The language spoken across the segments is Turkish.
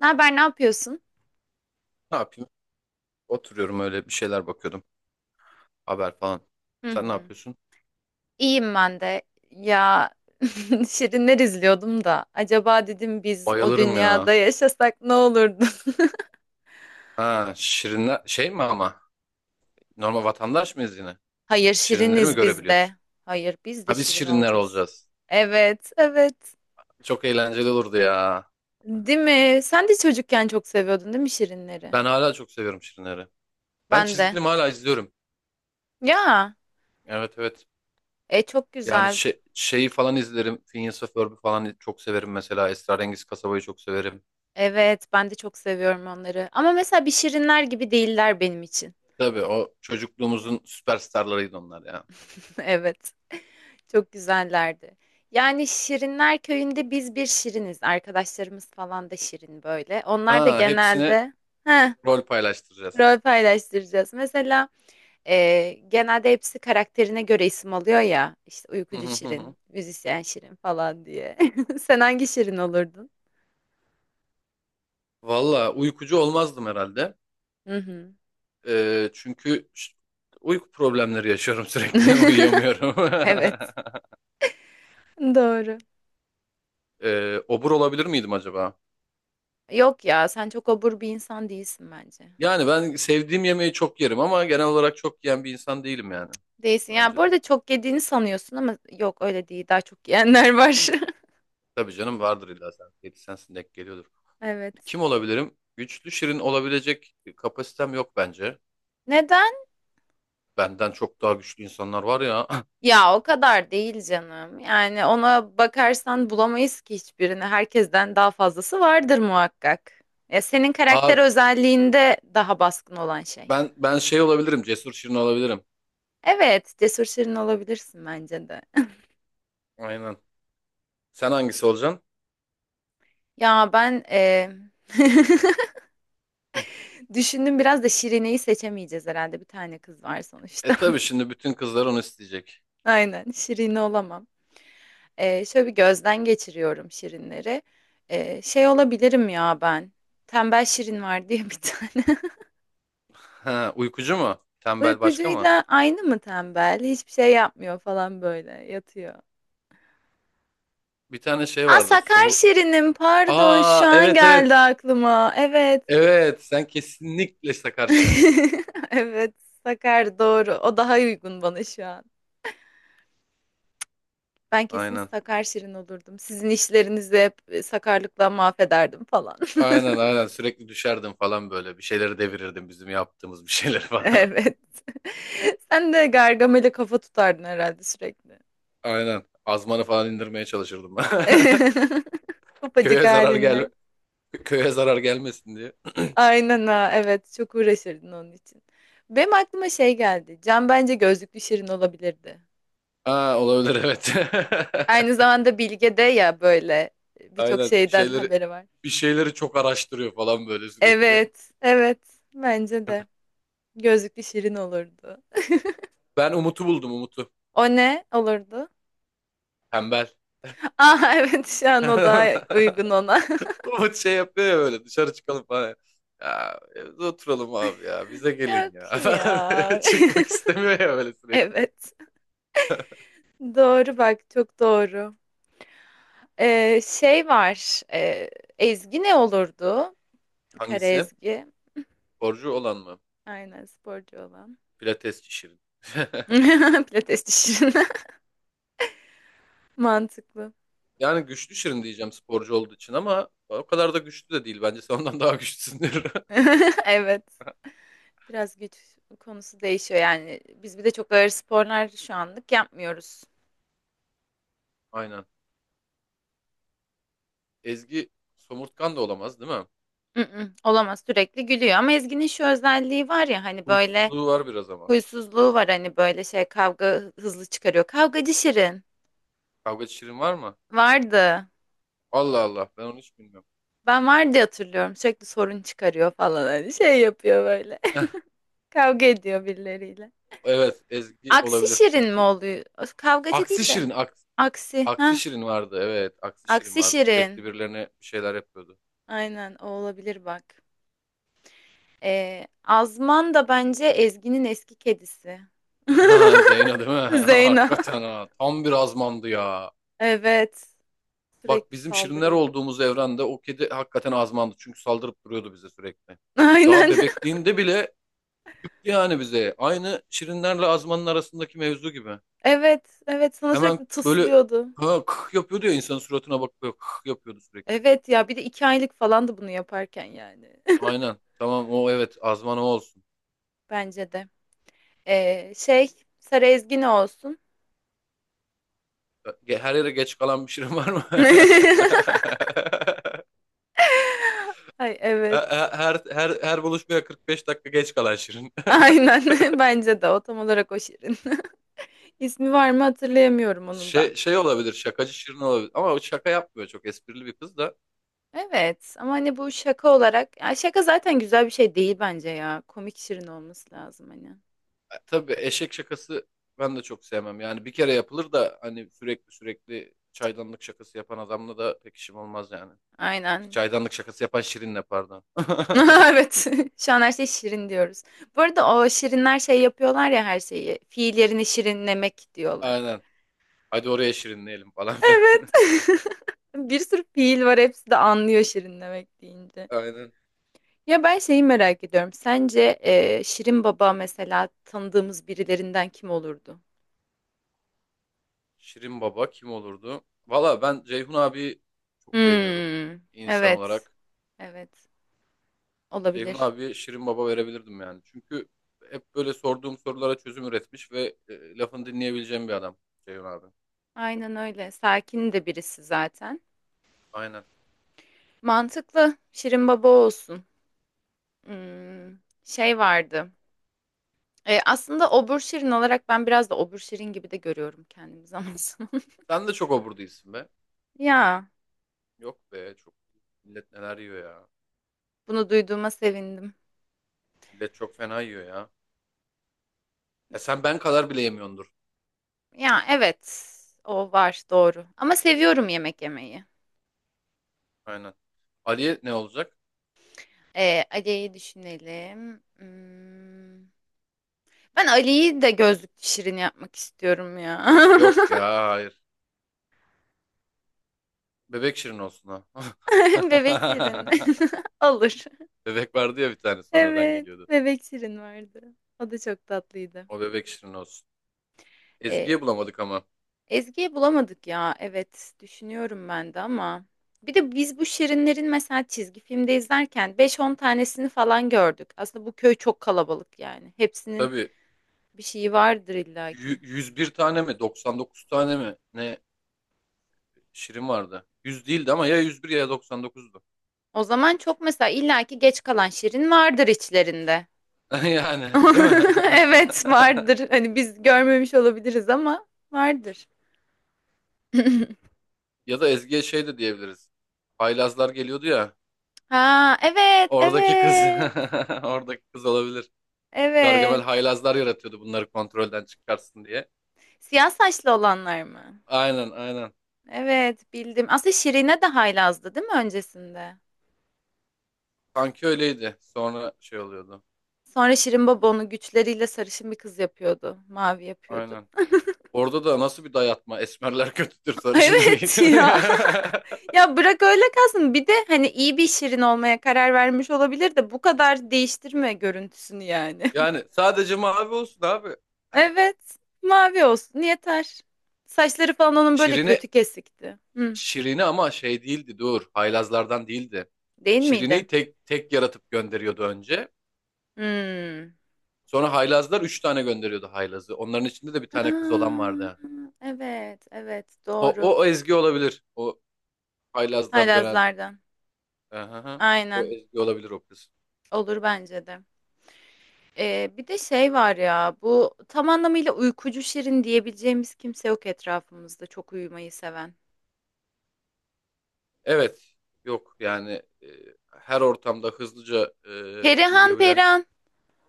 Ne haber, ne yapıyorsun? Ne yapayım? Oturuyorum öyle bir şeyler bakıyordum. Haber falan. Hı Sen ne hı. yapıyorsun? İyiyim ben de. Ya Şirinler izliyordum da. Acaba dedim biz o Bayılırım ya. dünyada yaşasak ne olurdu? Ha, şirinler şey mi ama? Normal vatandaş mıyız yine? Hayır, Şirinleri mi Şiriniz biz de. görebiliyorsun? Hayır, biz de Ha biz Şirin şirinler olacağız. olacağız. Evet, evet. Çok eğlenceli olurdu ya. Değil mi? Sen de çocukken çok seviyordun değil mi Şirinleri? Ben hala çok seviyorum şirinleri. Ben Ben çizgi de. film hala izliyorum. Ya, Evet evet. Çok Yani güzel. şey, şeyi falan izlerim. Phineas ve Ferb'i falan çok severim mesela. Esrarengiz Kasaba'yı çok severim. Evet, ben de çok seviyorum onları. Ama mesela bir Şirinler gibi değiller benim için. Tabii o çocukluğumuzun süperstarlarıydı onlar ya. Evet. Çok güzellerdi. Yani Şirinler Köyü'nde biz bir şiriniz. Arkadaşlarımız falan da şirin böyle. Onlar da Ha hepsine genelde heh, rol paylaştıracağız. rol paylaştıracağız. Mesela genelde hepsi karakterine göre isim alıyor ya. İşte uykucu şirin, müzisyen şirin falan diye. Sen hangi şirin olurdun? Valla uykucu olmazdım herhalde. Hı hı. Çünkü uyku problemleri yaşıyorum sürekli. Uyuyamıyorum. Evet. Doğru. Obur olabilir miydim acaba? Yok ya sen çok obur bir insan değilsin bence. Yani ben sevdiğim yemeği çok yerim ama genel olarak çok yiyen bir insan değilim yani. Değilsin. Ya bu Bence de. arada çok yediğini sanıyorsun ama yok öyle değil. Daha çok yiyenler var. Tabii canım vardır illa sen. Yedi sensin denk geliyordur. Evet. Kim olabilirim? Güçlü şirin olabilecek kapasitem yok bence. Neden? Benden çok daha güçlü insanlar var ya. Ya o kadar değil canım. Yani ona bakarsan bulamayız ki hiçbirini. Herkesten daha fazlası vardır muhakkak. Ya senin karakter Aa, özelliğinde daha baskın olan şey. ben şey olabilirim. Cesur şirin olabilirim. Evet, cesur şirin olabilirsin bence de. Aynen. Sen hangisi olacaksın? Ya ben düşündüm biraz da Şirine'yi seçemeyeceğiz herhalde. Bir tane kız var E sonuçta. tabii şimdi bütün kızlar onu isteyecek. Aynen, Şirine olamam. E, şöyle bir gözden geçiriyorum Şirinleri. E, şey olabilirim ya ben. Tembel Şirin var diye bir tane. Ha, uykucu mu? Tembel başka mı? Uykucuyla aynı mı tembel? Hiçbir şey yapmıyor falan böyle yatıyor. Bir tane şey Aa vardı. sakar Somur... şirinim pardon şu Aa an evet geldi evet. aklıma. Evet. Evet sen kesinlikle işte karşınızsın. Evet sakar doğru. O daha uygun bana şu an. Ben kesin Aynen. sakar şirin olurdum. Sizin işlerinizi hep sakarlıkla mahvederdim falan. Aynen aynen sürekli düşerdin falan böyle. Bir şeyleri devirirdim bizim yaptığımız bir şeyleri falan. Evet. Sen de Gargamel'e kafa tutardın herhalde sürekli. Aynen. Azmanı falan indirmeye çalışırdım ben. Topacık Köye zarar gel halinle. köye zarar gelmesin diye. Aynen ha evet çok uğraşırdın onun için. Benim aklıma şey geldi. Can bence gözlüklü Şirin olabilirdi. Aa olabilir evet. Aynı zamanda Bilge de ya böyle birçok Aynen bir şeyden şeyleri haberi var. bir şeyleri çok araştırıyor falan böyle sürekli. Evet evet bence de gözlüklü Şirin olurdu. Ben Umut'u buldum Umut'u. O ne olurdu? Tembel. Aa evet şu an o daha uygun ona. Umut şey yapıyor ya böyle dışarı çıkalım falan. Ya evde oturalım abi ya bize gelin Yok ya. ya. Çıkmak istemiyor ya böyle sürekli. Evet doğru bak çok doğru. Şey var Ezgi ne olurdu? Kara Hangisi? Ezgi. Sporcu olan mı? Aynen sporcu olan. Pilatesçi Şirin. Pilates dişinin. Mantıklı. Yani güçlü Şirin diyeceğim sporcu olduğu için ama o kadar da güçlü de değil. Bence sen ondan daha güçlüsündür. Evet. Biraz güç konusu değişiyor yani. Biz bir de çok ağır sporlar şu anlık yapmıyoruz. Aynen. Ezgi somurtkan da olamaz değil mi? Mm-mm, olamaz sürekli gülüyor ama Ezgi'nin şu özelliği var ya hani böyle Huysuzluğu var biraz ama. huysuzluğu var hani böyle şey kavga hızlı çıkarıyor. Kavgacı Şirin Kavgacı Şirin var mı? vardı. Allah Allah ben onu hiç bilmiyorum. Ben vardı hatırlıyorum. Sürekli sorun çıkarıyor falan hani şey yapıyor böyle. Kavga ediyor birileriyle. Evet Ezgi Aksi olabilir şirin mi çünkü oluyor? Öf, Kavgacı aksi değil de. Şirin. Aksi. Aksi. Ha? Aksişirin vardı evet. Aksişirin Aksi vardı. Sürekli şirin. birilerine bir şeyler yapıyordu. Aynen o olabilir bak. Azman da bence Ezgi'nin eski kedisi. Ha Zeyno değil mi? Zeyna. Hakikaten ha. Tam bir azmandı ya. Evet. Bak Sürekli bizim şirinler saldırıyor. olduğumuz evrende o kedi hakikaten azmandı. Çünkü saldırıp duruyordu bize sürekli. Daha Aynen. bebekliğinde bile küktü yani bize. Aynı şirinlerle azmanın arasındaki mevzu gibi. Evet. Evet sana Hemen sürekli böyle tıslıyordu. ha, kık yapıyordu ya insanın suratına bakıyor kık yapıyordu sürekli. Evet ya bir de 2 aylık falandı bunu yaparken yani. Aynen. Tamam o evet azman o olsun. Bence de. Şey Sarı Ezgi ne olsun? Her yere geç kalan bir şirin var mı? Ay evet. Her buluşmaya 45 dakika geç kalan Şirin. Aynen bence de o tam olarak o şirin. İsmi var mı hatırlayamıyorum onun da. Şey şey olabilir, şakacı Şirin olabilir ama o şaka yapmıyor çok esprili bir kız da. Evet ama hani bu şaka olarak ya şaka zaten güzel bir şey değil bence ya. Komik şirin olması lazım hani. Tabii eşek şakası ben de çok sevmem. Yani bir kere yapılır da hani sürekli sürekli çaydanlık şakası yapan adamla da pek işim olmaz yani. Aynen. Çaydanlık şakası yapan Şirin'le pardon. Evet şu an her şey şirin diyoruz. Bu arada o şirinler şey yapıyorlar ya her şeyi. Fiil yerini şirinlemek diyorlar. Aynen. Hadi oraya şirinleyelim falan filan. Evet. Bir sürü fiil var hepsi de anlıyor şirinlemek deyince. Aynen. Ya ben şeyi merak ediyorum. Sence Şirin Baba mesela tanıdığımız birilerinden kim olurdu? Şirin Baba kim olurdu? Valla ben Ceyhun abi çok beğeniyorum Hmm, insan evet. olarak. Evet. Ceyhun Olabilir. abiye Şirin Baba verebilirdim yani. Çünkü hep böyle sorduğum sorulara çözüm üretmiş ve lafını dinleyebileceğim bir adam Ceyhun abi. Aynen öyle. Sakin de birisi zaten. Aynen. Mantıklı. Şirin Baba olsun. Hmm, şey vardı. E, aslında Obur Şirin olarak ben biraz da Obur Şirin gibi de görüyorum kendimi zaman zaman. Sen de çok obur değilsin be. Ya Yok be çok. Millet neler yiyor ya. bunu duyduğuma sevindim. Millet çok fena yiyor ya. E sen ben kadar bile yemiyordur. Ya evet. O var doğru. Ama seviyorum yemek yemeyi. Aynen. Ali'ye ne olacak? Ali'yi düşünelim. Hmm. Ben Ali'yi de gözlük şirin yapmak istiyorum ya. Yok ya hayır. Bebek Şirin olsun ha. Bebek şirin. Olur. Bebek vardı ya bir tane sonradan Evet. geliyordu. Bebek şirin vardı. O da çok tatlıydı. O bebek Şirin olsun. Ee, Ezgi'ye bulamadık ama. Ezgi'yi bulamadık ya. Evet. Düşünüyorum ben de ama. Bir de biz bu şirinlerin mesela çizgi filmde izlerken beş on tanesini falan gördük. Aslında bu köy çok kalabalık yani. Hepsinin Tabii bir şeyi vardır illaki. 101 tane mi 99 tane mi ne Şirin vardı. 100 değildi ama ya 101 ya 99'du. O zaman çok mesela illaki geç kalan Şirin vardır içlerinde. Yani değil mi? Evet vardır. Hani biz görmemiş olabiliriz ama vardır. Ya da Ezgi'ye şey de diyebiliriz. Haylazlar geliyordu ya. Ha evet Oradaki kız. evet Oradaki kız olabilir. Gargamel evet. haylazlar yaratıyordu bunları kontrolden çıkarsın diye. Siyah saçlı olanlar mı? Aynen aynen. Evet bildim. Aslında Şirin'e de haylazdı değil mi öncesinde? Sanki öyleydi. Sonra şey oluyordu. Sonra Şirin Baba onu güçleriyle sarışın bir kız yapıyordu. Mavi yapıyordu. Aynen. Orada da nasıl bir dayatma. Esmerler kötüdür, sarışınlar Evet iyidir. ya. Ya bırak öyle kalsın. Bir de hani iyi bir şirin olmaya karar vermiş olabilir de bu kadar değiştirme görüntüsünü yani. Yani sadece mavi olsun abi. Evet, mavi olsun yeter. Saçları falan onun böyle Şirin'i kötü kesikti. Hı, Şirin'i ama şey değildi dur. Haylazlardan değildi. değil miydi? Şirine'yi tek tek yaratıp gönderiyordu önce. Hmm. Sonra haylazlar üç tane gönderiyordu haylazı. Onların içinde de bir tane kız olan Aa, vardı. evet, evet O, doğru. o, o Ezgi olabilir. O haylazdan dönen. Haylazlardan. Aha, o Aynen. Ezgi olabilir o kız. Olur bence de. Bir de şey var ya bu tam anlamıyla uykucu şirin diyebileceğimiz kimse yok etrafımızda çok uyumayı seven. Evet. Yok yani her ortamda hızlıca Perihan uyuyabilen. Perihan.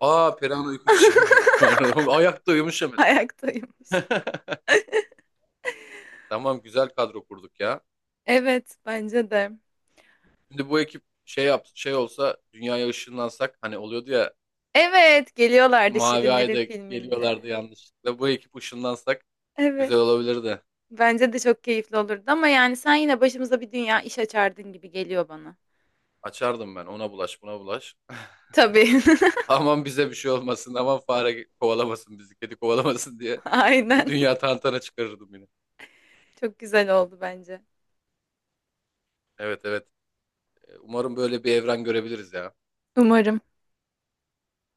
Aa Perihan uykucu şirin olur. Doğru. Ayakta uyumuş hemen. Ayaktaymış. Tamam güzel kadro kurduk ya. Evet, bence de. Şimdi bu ekip şey yap şey olsa dünyaya ışınlansak hani oluyordu ya Evet, geliyorlardı mavi Şirinlerin ayda geliyorlardı filminde. yanlışlıkla. Bu ekip ışınlansak Evet. güzel olabilirdi. Bence de çok keyifli olurdu ama yani sen yine başımıza bir dünya iş açardın gibi geliyor bana. Açardım ben ona bulaş buna bulaş. Tabii. Aman bize bir şey olmasın aman fare kovalamasın bizi kedi kovalamasın diye bir Aynen. dünya tantana çıkarırdım yine. Çok güzel oldu bence. Evet evet umarım böyle bir evren görebiliriz ya. Umarım.